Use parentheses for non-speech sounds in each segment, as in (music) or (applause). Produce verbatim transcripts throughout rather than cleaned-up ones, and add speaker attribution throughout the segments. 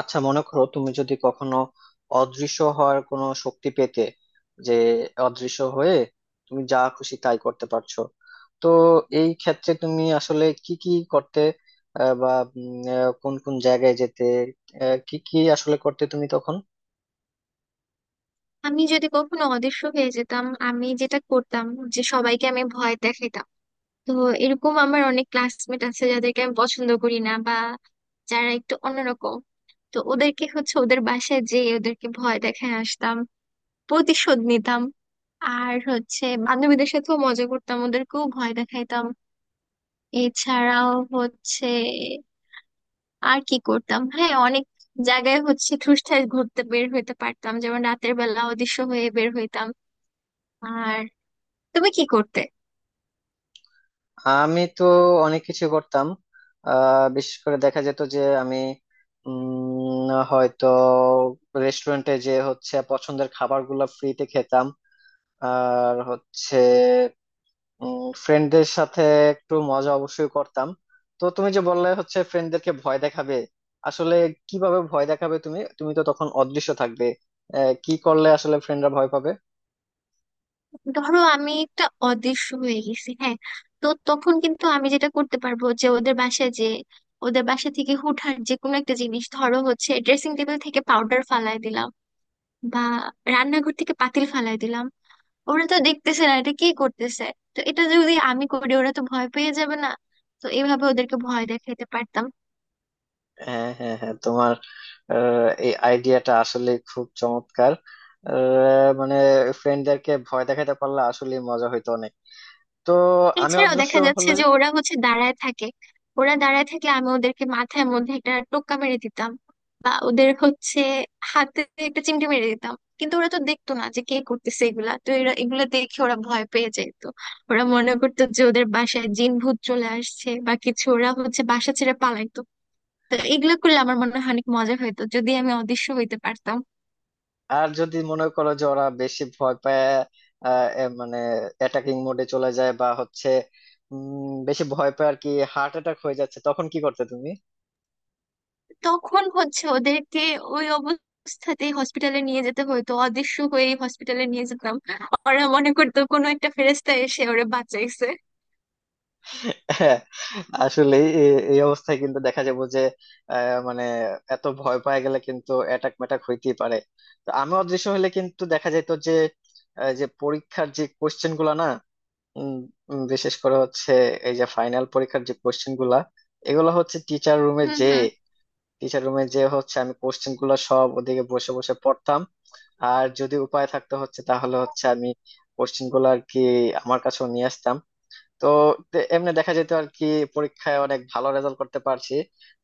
Speaker 1: আচ্ছা, মনে করো তুমি যদি কখনো অদৃশ্য হওয়ার কোনো শক্তি পেতে, যে অদৃশ্য হয়ে তুমি যা খুশি তাই করতে পারছো, তো এই ক্ষেত্রে তুমি আসলে কি কি করতে, আহ, বা উম, আহ, কোন কোন জায়গায় যেতে, আহ, কি কি আসলে করতে তুমি তখন?
Speaker 2: আমি যদি কখনো অদৃশ্য হয়ে যেতাম, আমি যেটা করতাম যে সবাইকে আমি ভয় দেখাতাম। তো এরকম আমার অনেক ক্লাসমেট আছে যাদেরকে আমি পছন্দ করি না, বা যারা একটু অন্যরকম। তো ওদেরকে হচ্ছে ওদের বাসায় যেয়ে ওদেরকে ভয় দেখায় আসতাম, প্রতিশোধ নিতাম। আর হচ্ছে বান্ধবীদের সাথেও মজা করতাম, ওদেরকেও ভয় দেখাইতাম। এছাড়াও হচ্ছে আর কি করতাম, হ্যাঁ, অনেক জায়গায় হচ্ছে ঠুসঠাস ঘুরতে বের হইতে পারতাম, যেমন রাতের বেলা অদৃশ্য হয়ে বের হইতাম। আর তুমি কি করতে?
Speaker 1: আমি তো অনেক কিছু করতাম। আহ বিশেষ করে দেখা যেত যে আমি উম হয়তো রেস্টুরেন্টে যে হচ্ছে পছন্দের খাবারগুলো ফ্রিতে খেতাম। আর হচ্ছে ফ্রেন্ডদের সাথে একটু মজা অবশ্যই করতাম। তো তুমি যে বললে হচ্ছে ফ্রেন্ডদেরকে ভয় দেখাবে, আসলে কিভাবে ভয় দেখাবে? তুমি তুমি তো তখন অদৃশ্য থাকবে। আহ, কি করলে আসলে ফ্রেন্ডরা ভয় পাবে?
Speaker 2: ধরো আমি একটা অদৃশ্য হয়ে গেছি, হ্যাঁ। তো তখন কিন্তু আমি যেটা করতে পারবো যে ওদের বাসায় যে ওদের বাসা থেকে হুটহাট যে কোনো একটা জিনিস, ধরো হচ্ছে ড্রেসিং টেবিল থেকে পাউডার ফালাই দিলাম, বা রান্নাঘর থেকে পাতিল ফালাই দিলাম। ওরা তো দেখতেছে না এটা কি করতেছে। তো এটা যদি আমি করি ওরা তো ভয় পেয়ে যাবে না? তো এভাবে ওদেরকে ভয় দেখাইতে পারতাম।
Speaker 1: হ্যাঁ, হ্যাঁ, হ্যাঁ, তোমার আহ, এই আইডিয়াটা আসলে খুব চমৎকার। আহ, মানে ফ্রেন্ডদেরকে ভয় দেখাতে পারলে আসলে মজা হইতো অনেক। তো আমি
Speaker 2: এছাড়াও
Speaker 1: অদৃশ্য
Speaker 2: দেখা যাচ্ছে
Speaker 1: হলে
Speaker 2: যে ওরা হচ্ছে দাঁড়ায় থাকে। ওরা দাঁড়ায় থাকলে আমি ওদেরকে মাথার মধ্যে একটা টোক্কা মেরে দিতাম, বা ওদের হচ্ছে হাতে একটা চিমটি মেরে দিতাম। কিন্তু ওরা তো দেখতো না যে কে করতেছে এগুলা, তো এরা এগুলা দেখে ওরা ভয় পেয়ে যেত। ওরা মনে করতো যে ওদের বাসায় জিন ভূত চলে আসছে বা কিছু, ওরা হচ্ছে বাসা ছেড়ে পালাইতো। তো এগুলো করলে আমার মনে হয় অনেক মজা হইতো, যদি আমি অদৃশ্য হইতে পারতাম।
Speaker 1: আর যদি মনে করো যে ওরা বেশি ভয় পায়, আহ, এ মানে অ্যাটাকিং মোডে চলে যায় বা হচ্ছে উম, বেশি ভয় পায় আর কি, হার্ট অ্যাটাক হয়ে যাচ্ছে, তখন কি করতে তুমি?
Speaker 2: তখন হচ্ছে ওদেরকে ওই অবস্থাতেই হসপিটালে নিয়ে যেতে হতো, অদৃশ্য হয়ে হসপিটালে নিয়ে যেতাম। ওরা মনে করতো কোনো একটা ফেরেস্তা এসে ওরা বাঁচাইছে।
Speaker 1: (laughs) হ্যাঁ, আসলে এই এই অবস্থায় কিন্তু দেখা যাবো যে, আহ, মানে এত ভয় পায় গেলে কিন্তু অ্যাটাক ম্যাটাক হইতেই পারে। তো আমি অদৃশ্য হলে কিন্তু দেখা যেত যে, আহ, যে পরীক্ষার যে কোশ্চেন গুলা না, উম, উম, বিশেষ করে হচ্ছে এই যে ফাইনাল পরীক্ষার যে কোশ্চেন গুলা, এগুলো হচ্ছে টিচার রুমে
Speaker 2: হুম,
Speaker 1: যে
Speaker 2: হুম।
Speaker 1: টিচার রুমে যে হচ্ছে আমি কোশ্চেন গুলো সব ওদিকে বসে বসে পড়তাম। আর যদি উপায় থাকতো হচ্ছে, তাহলে হচ্ছে আমি কোশ্চেন গুলো আর কি আমার কাছেও নিয়ে আসতাম। তো তে- এমনি দেখা যেত আর কি, পরীক্ষায় অনেক ভালো রেজাল্ট করতে পারছি।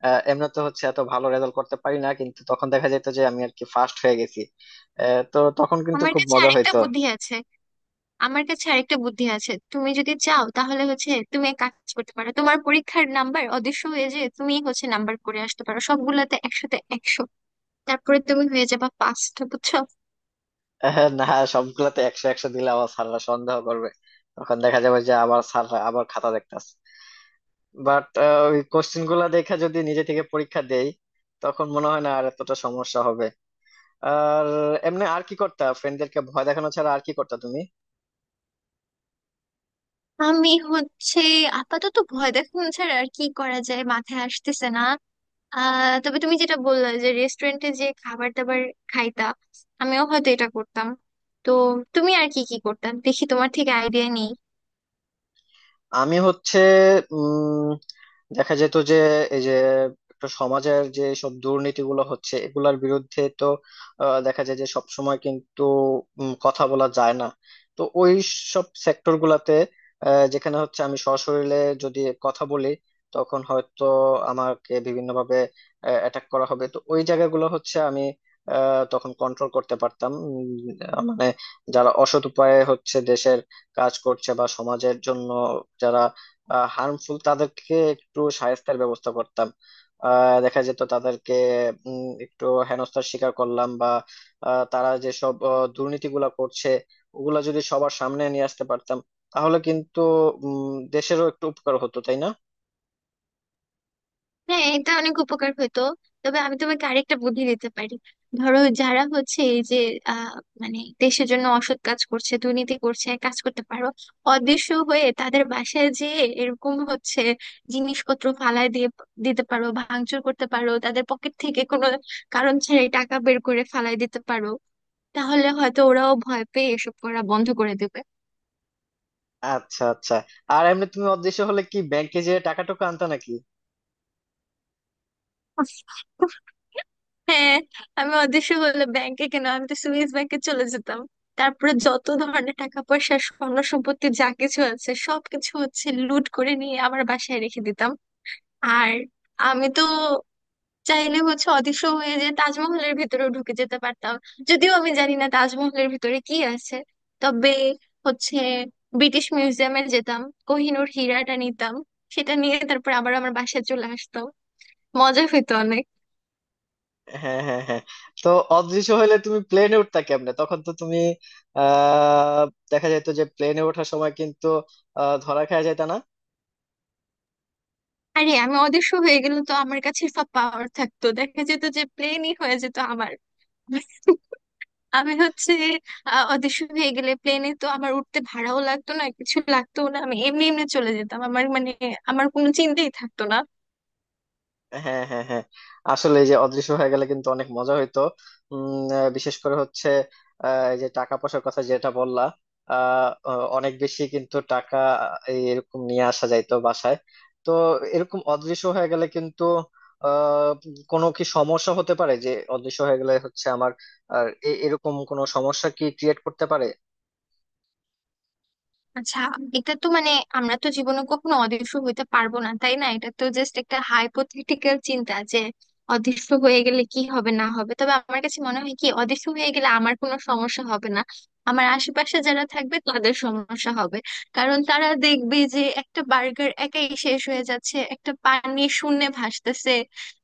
Speaker 1: আহ, এমনি তো হচ্ছে এত ভালো রেজাল্ট করতে পারি না, কিন্তু তখন দেখা যেত যে আমি আর কি ফার্স্ট হয়ে গেছি। আহ, তো তখন কিন্তু
Speaker 2: আমার
Speaker 1: খুব
Speaker 2: কাছে
Speaker 1: মজা
Speaker 2: আরেকটা
Speaker 1: হইতো।
Speaker 2: বুদ্ধি আছে। আমার কাছে আরেকটা বুদ্ধি আছে, তুমি যদি চাও তাহলে হচ্ছে তুমি এক কাজ করতে পারো, তোমার পরীক্ষার নাম্বার অদৃশ্য হয়ে যে তুমি হচ্ছে নাম্বার করে আসতে পারো সবগুলাতে একশোতে একশো। তারপরে তুমি হয়ে যাবা পাঁচটা, বুঝছো?
Speaker 1: আহ, না, সবগুলাতে একশো একশো দিলে আবার স্যাররা সন্দেহ করবে। তখন দেখা যাবে যে আবার স্যাররা আবার খাতা দেখতাছে। বাট ওই কোশ্চেন গুলা দেখে যদি নিজে থেকে পরীক্ষা দেই, তখন মনে হয় না আর এতটা সমস্যা হবে। আর এমনি আর কি করতা, ফ্রেন্ডদেরকে ভয় দেখানো ছাড়া আর কি করতা তুমি?
Speaker 2: আমি হচ্ছে আপাতত ভয় দেখানো ছাড়া আর কি করা যায় মাথায় আসতেছে না। আহ তবে তুমি যেটা বললে যে রেস্টুরেন্টে যে খাবার দাবার খাইতা, আমিও হয়তো এটা করতাম। তো তুমি আর কি কি করতাম দেখি, তোমার থেকে আইডিয়া নেই।
Speaker 1: আমি হচ্ছে উম দেখা যেত যে, এই যে একটা সমাজের যে সব দুর্নীতিগুলো হচ্ছে এগুলার বিরুদ্ধে তো, আহ, দেখা যায় যে সব সময় কিন্তু উম, কথা বলা যায় না। তো ওই সব সেক্টর গুলাতে, আহ, যেখানে হচ্ছে আমি সশরীরে যদি কথা বলি, তখন হয়তো আমাকে বিভিন্নভাবে অ্যাটাক করা হবে। তো ওই জায়গাগুলো হচ্ছে আমি আহ, তখন কন্ট্রোল করতে পারতাম। উম, আহ, মানে যারা অসৎ উপায়ে হচ্ছে দেশের কাজ করছে বা সমাজের জন্য যারা হার্মফুল, তাদেরকে একটু শায়েস্তার ব্যবস্থা করতাম। আহ, দেখা যেত তাদেরকে উম, একটু হেনস্থার শিকার করলাম, বা আহ, তারা যেসব আহ, দুর্নীতিগুলা করছে, ওগুলা যদি সবার সামনে নিয়ে আসতে পারতাম, তাহলে কিন্তু উম, দেশেরও একটু উপকার হতো, তাই না?
Speaker 2: হ্যাঁ, এটা অনেক উপকার হতো। তবে আমি তোমাকে আরেকটা বুদ্ধি দিতে পারি। ধরো যারা হচ্ছে এই যে আহ মানে দেশের জন্য অসৎ কাজ করছে, দুর্নীতি করছে, এক কাজ করতে পারো, অদৃশ্য হয়ে তাদের বাসায় যেয়ে এরকম হচ্ছে জিনিসপত্র ফালায় দিয়ে দিতে পারো, ভাঙচুর করতে পারো, তাদের পকেট থেকে কোনো কারণ ছাড়াই টাকা বের করে ফালায় দিতে পারো। তাহলে হয়তো ওরাও ভয় পেয়ে এসব করা বন্ধ করে দেবে।
Speaker 1: আচ্ছা, আচ্ছা। আর এমনি তুমি অদৃশ্য হলে কি ব্যাংকে যেয়ে টাকা টুকু আনতা নাকি?
Speaker 2: হ্যাঁ, আমি অদৃশ্য হলে ব্যাংকে কেন, আমি তো সুইস ব্যাংকে চলে যেতাম। তারপরে যত ধরনের টাকা পয়সা স্বর্ণ সম্পত্তি যা কিছু আছে সবকিছু হচ্ছে লুট করে নিয়ে আমার বাসায় রেখে দিতাম। আর আমি তো চাইলে হচ্ছে অদৃশ্য হয়ে যে তাজমহলের ভিতরেও ঢুকে যেতে পারতাম। যদিও আমি জানি না তাজমহলের ভিতরে কি আছে। তবে হচ্ছে ব্রিটিশ মিউজিয়ামে যেতাম, কোহিনূর হীরাটা নিতাম, সেটা নিয়ে তারপর আবার আমার বাসায় চলে আসতাম। মজা হইতো অনেক।
Speaker 1: হ্যাঁ, হ্যাঁ, হ্যাঁ। তো অদৃশ্য হলে তুমি প্লেনে উঠতা কেমনে? তখন তো তুমি আহ দেখা যেত যে প্লেনে ওঠার সময় কিন্তু আহ ধরা খেয়ে যেত না?
Speaker 2: আরে আমি অদৃশ্য হয়ে গেলে তো আমার কাছে সব পাওয়ার থাকতো, দেখা যেত যে প্লেনই হয়ে যেত আমার। আমি হচ্ছে আহ, অদৃশ্য হয়ে গেলে প্লেনে তো আমার উঠতে ভাড়াও লাগতো না, কিছু লাগতো না, আমি এমনি এমনি চলে যেতাম। আমার মানে আমার কোনো চিন্তাই থাকতো না।
Speaker 1: হ্যাঁ, হ্যাঁ, হ্যাঁ। আসলে এই যে অদৃশ্য হয়ে গেলে কিন্তু অনেক মজা হইতো। উম আহ, বিশেষ করে হচ্ছে আহ, এই যে টাকা পয়সার কথা যেটা বললা, আহ, আহ, অনেক বেশি কিন্তু টাকা এই এরকম নিয়ে আসা যাইতো বাসায়। তো এরকম অদৃশ্য হয়ে গেলে কিন্তু আহ কোনো কি সমস্যা হতে পারে যে অদৃশ্য হয়ে গেলে হচ্ছে আমার, আর এ- এরকম কোনো সমস্যা কি ক্রিয়েট করতে পারে?
Speaker 2: আচ্ছা, এটা তো মানে আমরা তো জীবনে কখনো অদৃশ্য হইতে পারবো না, তাই না? এটা তো জাস্ট একটা হাইপোথেটিক্যাল চিন্তা যে অদৃশ্য হয়ে গেলে কি হবে না হবে। তবে আমার কাছে মনে হয় কি, অদৃশ্য হয়ে গেলে আমার কোনো সমস্যা হবে না, আমার আশেপাশে যারা থাকবে তাদের সমস্যা হবে। কারণ তারা দেখবে যে একটা বার্গার একাই শেষ হয়ে যাচ্ছে, একটা পানি শূন্যে ভাসতেছে।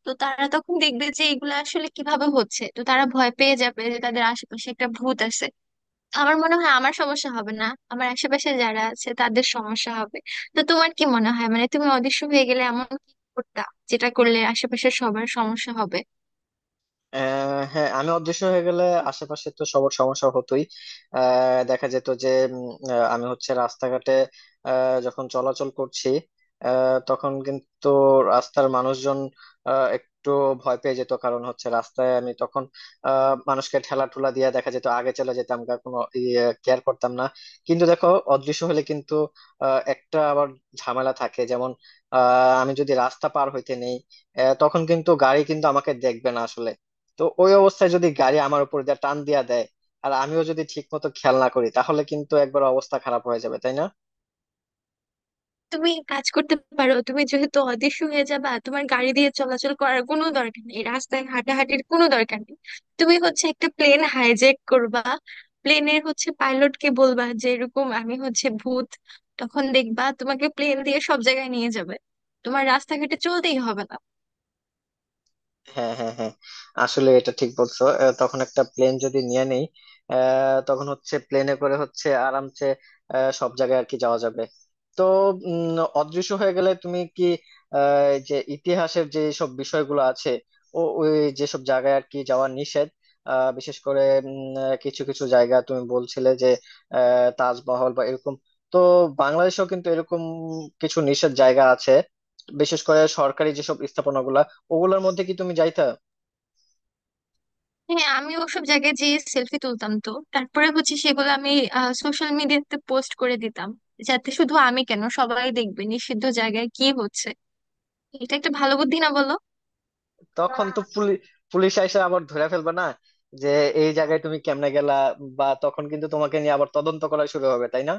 Speaker 2: তো তারা তখন দেখবে যে এগুলো আসলে কিভাবে হচ্ছে, তো তারা ভয় পেয়ে যাবে যে তাদের আশেপাশে একটা ভূত আছে। আমার মনে হয় আমার সমস্যা হবে না, আমার আশেপাশে যারা আছে তাদের সমস্যা হবে। তো তোমার কি মনে হয়, মানে তুমি অদৃশ্য হয়ে গেলে এমন কি করতা যেটা করলে আশেপাশের সবার সমস্যা হবে?
Speaker 1: আহ হ্যাঁ, আমি অদৃশ্য হয়ে গেলে আশেপাশে তো সবার সমস্যা হতোই। আহ দেখা যেত যে উম, আহ, আমি হচ্ছে রাস্তাঘাটে আহ, যখন চলাচল করছি, আহ, তখন কিন্তু রাস্তার মানুষজন আহ, একটু ভয় পেয়ে যেত, কারণ হচ্ছে রাস্তায় আমি তখন আহ, মানুষকে ঠেলা ঠুলা দিয়ে দেখা যেত আগে চলে যেতাম গা, কোনো কেয়ার করতাম না। কিন্তু দেখো, অদৃশ্য হলে কিন্তু আহ, একটা আবার ঝামেলা থাকে, যেমন আহ, আমি যদি রাস্তা পার হইতে নেই, আহ, তখন কিন্তু গাড়ি কিন্তু আমাকে দেখবে না আসলে। তো ওই অবস্থায় যদি গাড়ি আমার উপর দিয়ে টান দিয়া দেয় আর আমিও যদি ঠিক মতো খেয়াল না করি, তাহলে কিন্তু একবার অবস্থা খারাপ হয়ে যাবে, তাই না?
Speaker 2: তুমি এক কাজ করতে পারো, তুমি যেহেতু অদৃশ্য হয়ে যাবা তোমার গাড়ি দিয়ে চলাচল করার কোনো দরকার নেই, রাস্তায় হাঁটাহাঁটির কোনো দরকার নেই। তুমি হচ্ছে একটা প্লেন হাইজ্যাক করবা, প্লেনের হচ্ছে পাইলটকে বলবা যে এরকম আমি হচ্ছে ভূত। তখন দেখবা তোমাকে প্লেন দিয়ে সব জায়গায় নিয়ে যাবে, তোমার রাস্তাঘাটে চলতেই হবে না।
Speaker 1: হ্যাঁ, হ্যাঁ, হ্যাঁ, আসলে এটা ঠিক বলছো। আহ, তখন একটা প্লেন যদি নিয়ে নেই, আহ, তখন হচ্ছে প্লেনে করে হচ্ছে আরামসে আহ, সব জায়গায় আর কি যাওয়া যাবে। তো উম, অদৃশ্য হয়ে গেলে তুমি কি আহ, এই যে ইতিহাসের যে সব বিষয়গুলো আছে, ও ওই যেসব জায়গায় আর কি যাওয়া নিষেধ, আহ, বিশেষ করে উম, আহ, কিছু কিছু জায়গা তুমি বলছিলে যে আহ, তাজমহল বা এরকম, তো বাংলাদেশেও কিন্তু এরকম কিছু নিষেধ জায়গা আছে, বিশেষ করে সরকারি যেসব স্থাপনাগুলা, ওগুলোর মধ্যে কি তুমি যাইতা?
Speaker 2: হ্যাঁ, আমি ওসব জায়গায় যেয়ে সেলফি তুলতাম, তো তারপরে হচ্ছে সেগুলো আমি সোশ্যাল মিডিয়াতে পোস্ট করে দিতাম, যাতে শুধু আমি কেন সবাই দেখবে নিষিদ্ধ জায়গায় কি হচ্ছে। এটা একটা ভালো বুদ্ধি না বলো?
Speaker 1: তখন তো পুলিশ পুলিশ আইসা আবার ধরে ফেলবে না, যে এই জায়গায় তুমি কেমনে গেলা? বা তখন কিন্তু তোমাকে নিয়ে আবার তদন্ত করা শুরু হবে, তাই না?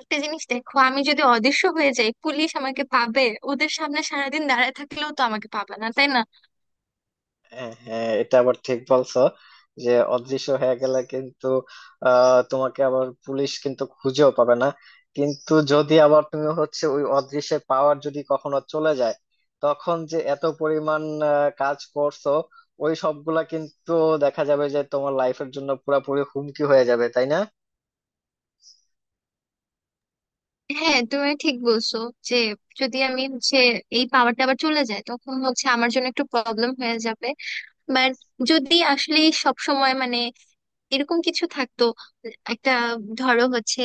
Speaker 2: একটা জিনিস দেখো, আমি যদি অদৃশ্য হয়ে যাই পুলিশ আমাকে পাবে? ওদের সামনে সারাদিন দাঁড়ায় থাকলেও তো আমাকে পাবে না, তাই না?
Speaker 1: হ্যাঁ, হ্যাঁ, এটা আবার ঠিক বলছো, যে অদৃশ্য হয়ে গেলে কিন্তু আহ তোমাকে আবার পুলিশ কিন্তু খুঁজেও পাবে না। কিন্তু যদি আবার তুমি হচ্ছে ওই অদৃশ্যের পাওয়ার যদি কখনো চলে যায়, তখন যে এত পরিমাণ আহ, কাজ করছো, ওই সবগুলা কিন্তু দেখা যাবে যে তোমার লাইফের জন্য পুরোপুরি হুমকি হয়ে যাবে, তাই না?
Speaker 2: হ্যাঁ তুমি ঠিক বলছো যে যদি আমি হচ্ছে এই পাওয়ারটা আবার চলে যায়, তখন হচ্ছে আমার জন্য একটু প্রবলেম হয়ে যাবে। বাট যদি আসলে সব সময় মানে এরকম কিছু থাকতো, একটা, ধরো হচ্ছে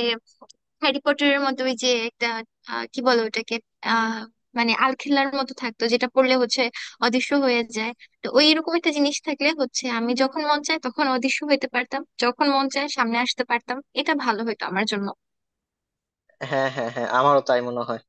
Speaker 2: হ্যারি পটারের মতো ওই যে একটা আহ, কি বলো ওটাকে, আহ মানে আলখেল্লার মতো থাকতো যেটা পড়লে হচ্ছে অদৃশ্য হয়ে যায়। তো ওই এরকম একটা জিনিস থাকলে হচ্ছে আমি যখন মন চায় তখন অদৃশ্য হতে পারতাম, যখন মন চায় সামনে আসতে পারতাম, এটা ভালো হতো আমার জন্য।
Speaker 1: হ্যাঁ, হ্যাঁ, হ্যাঁ, আমারও তাই মনে হয়।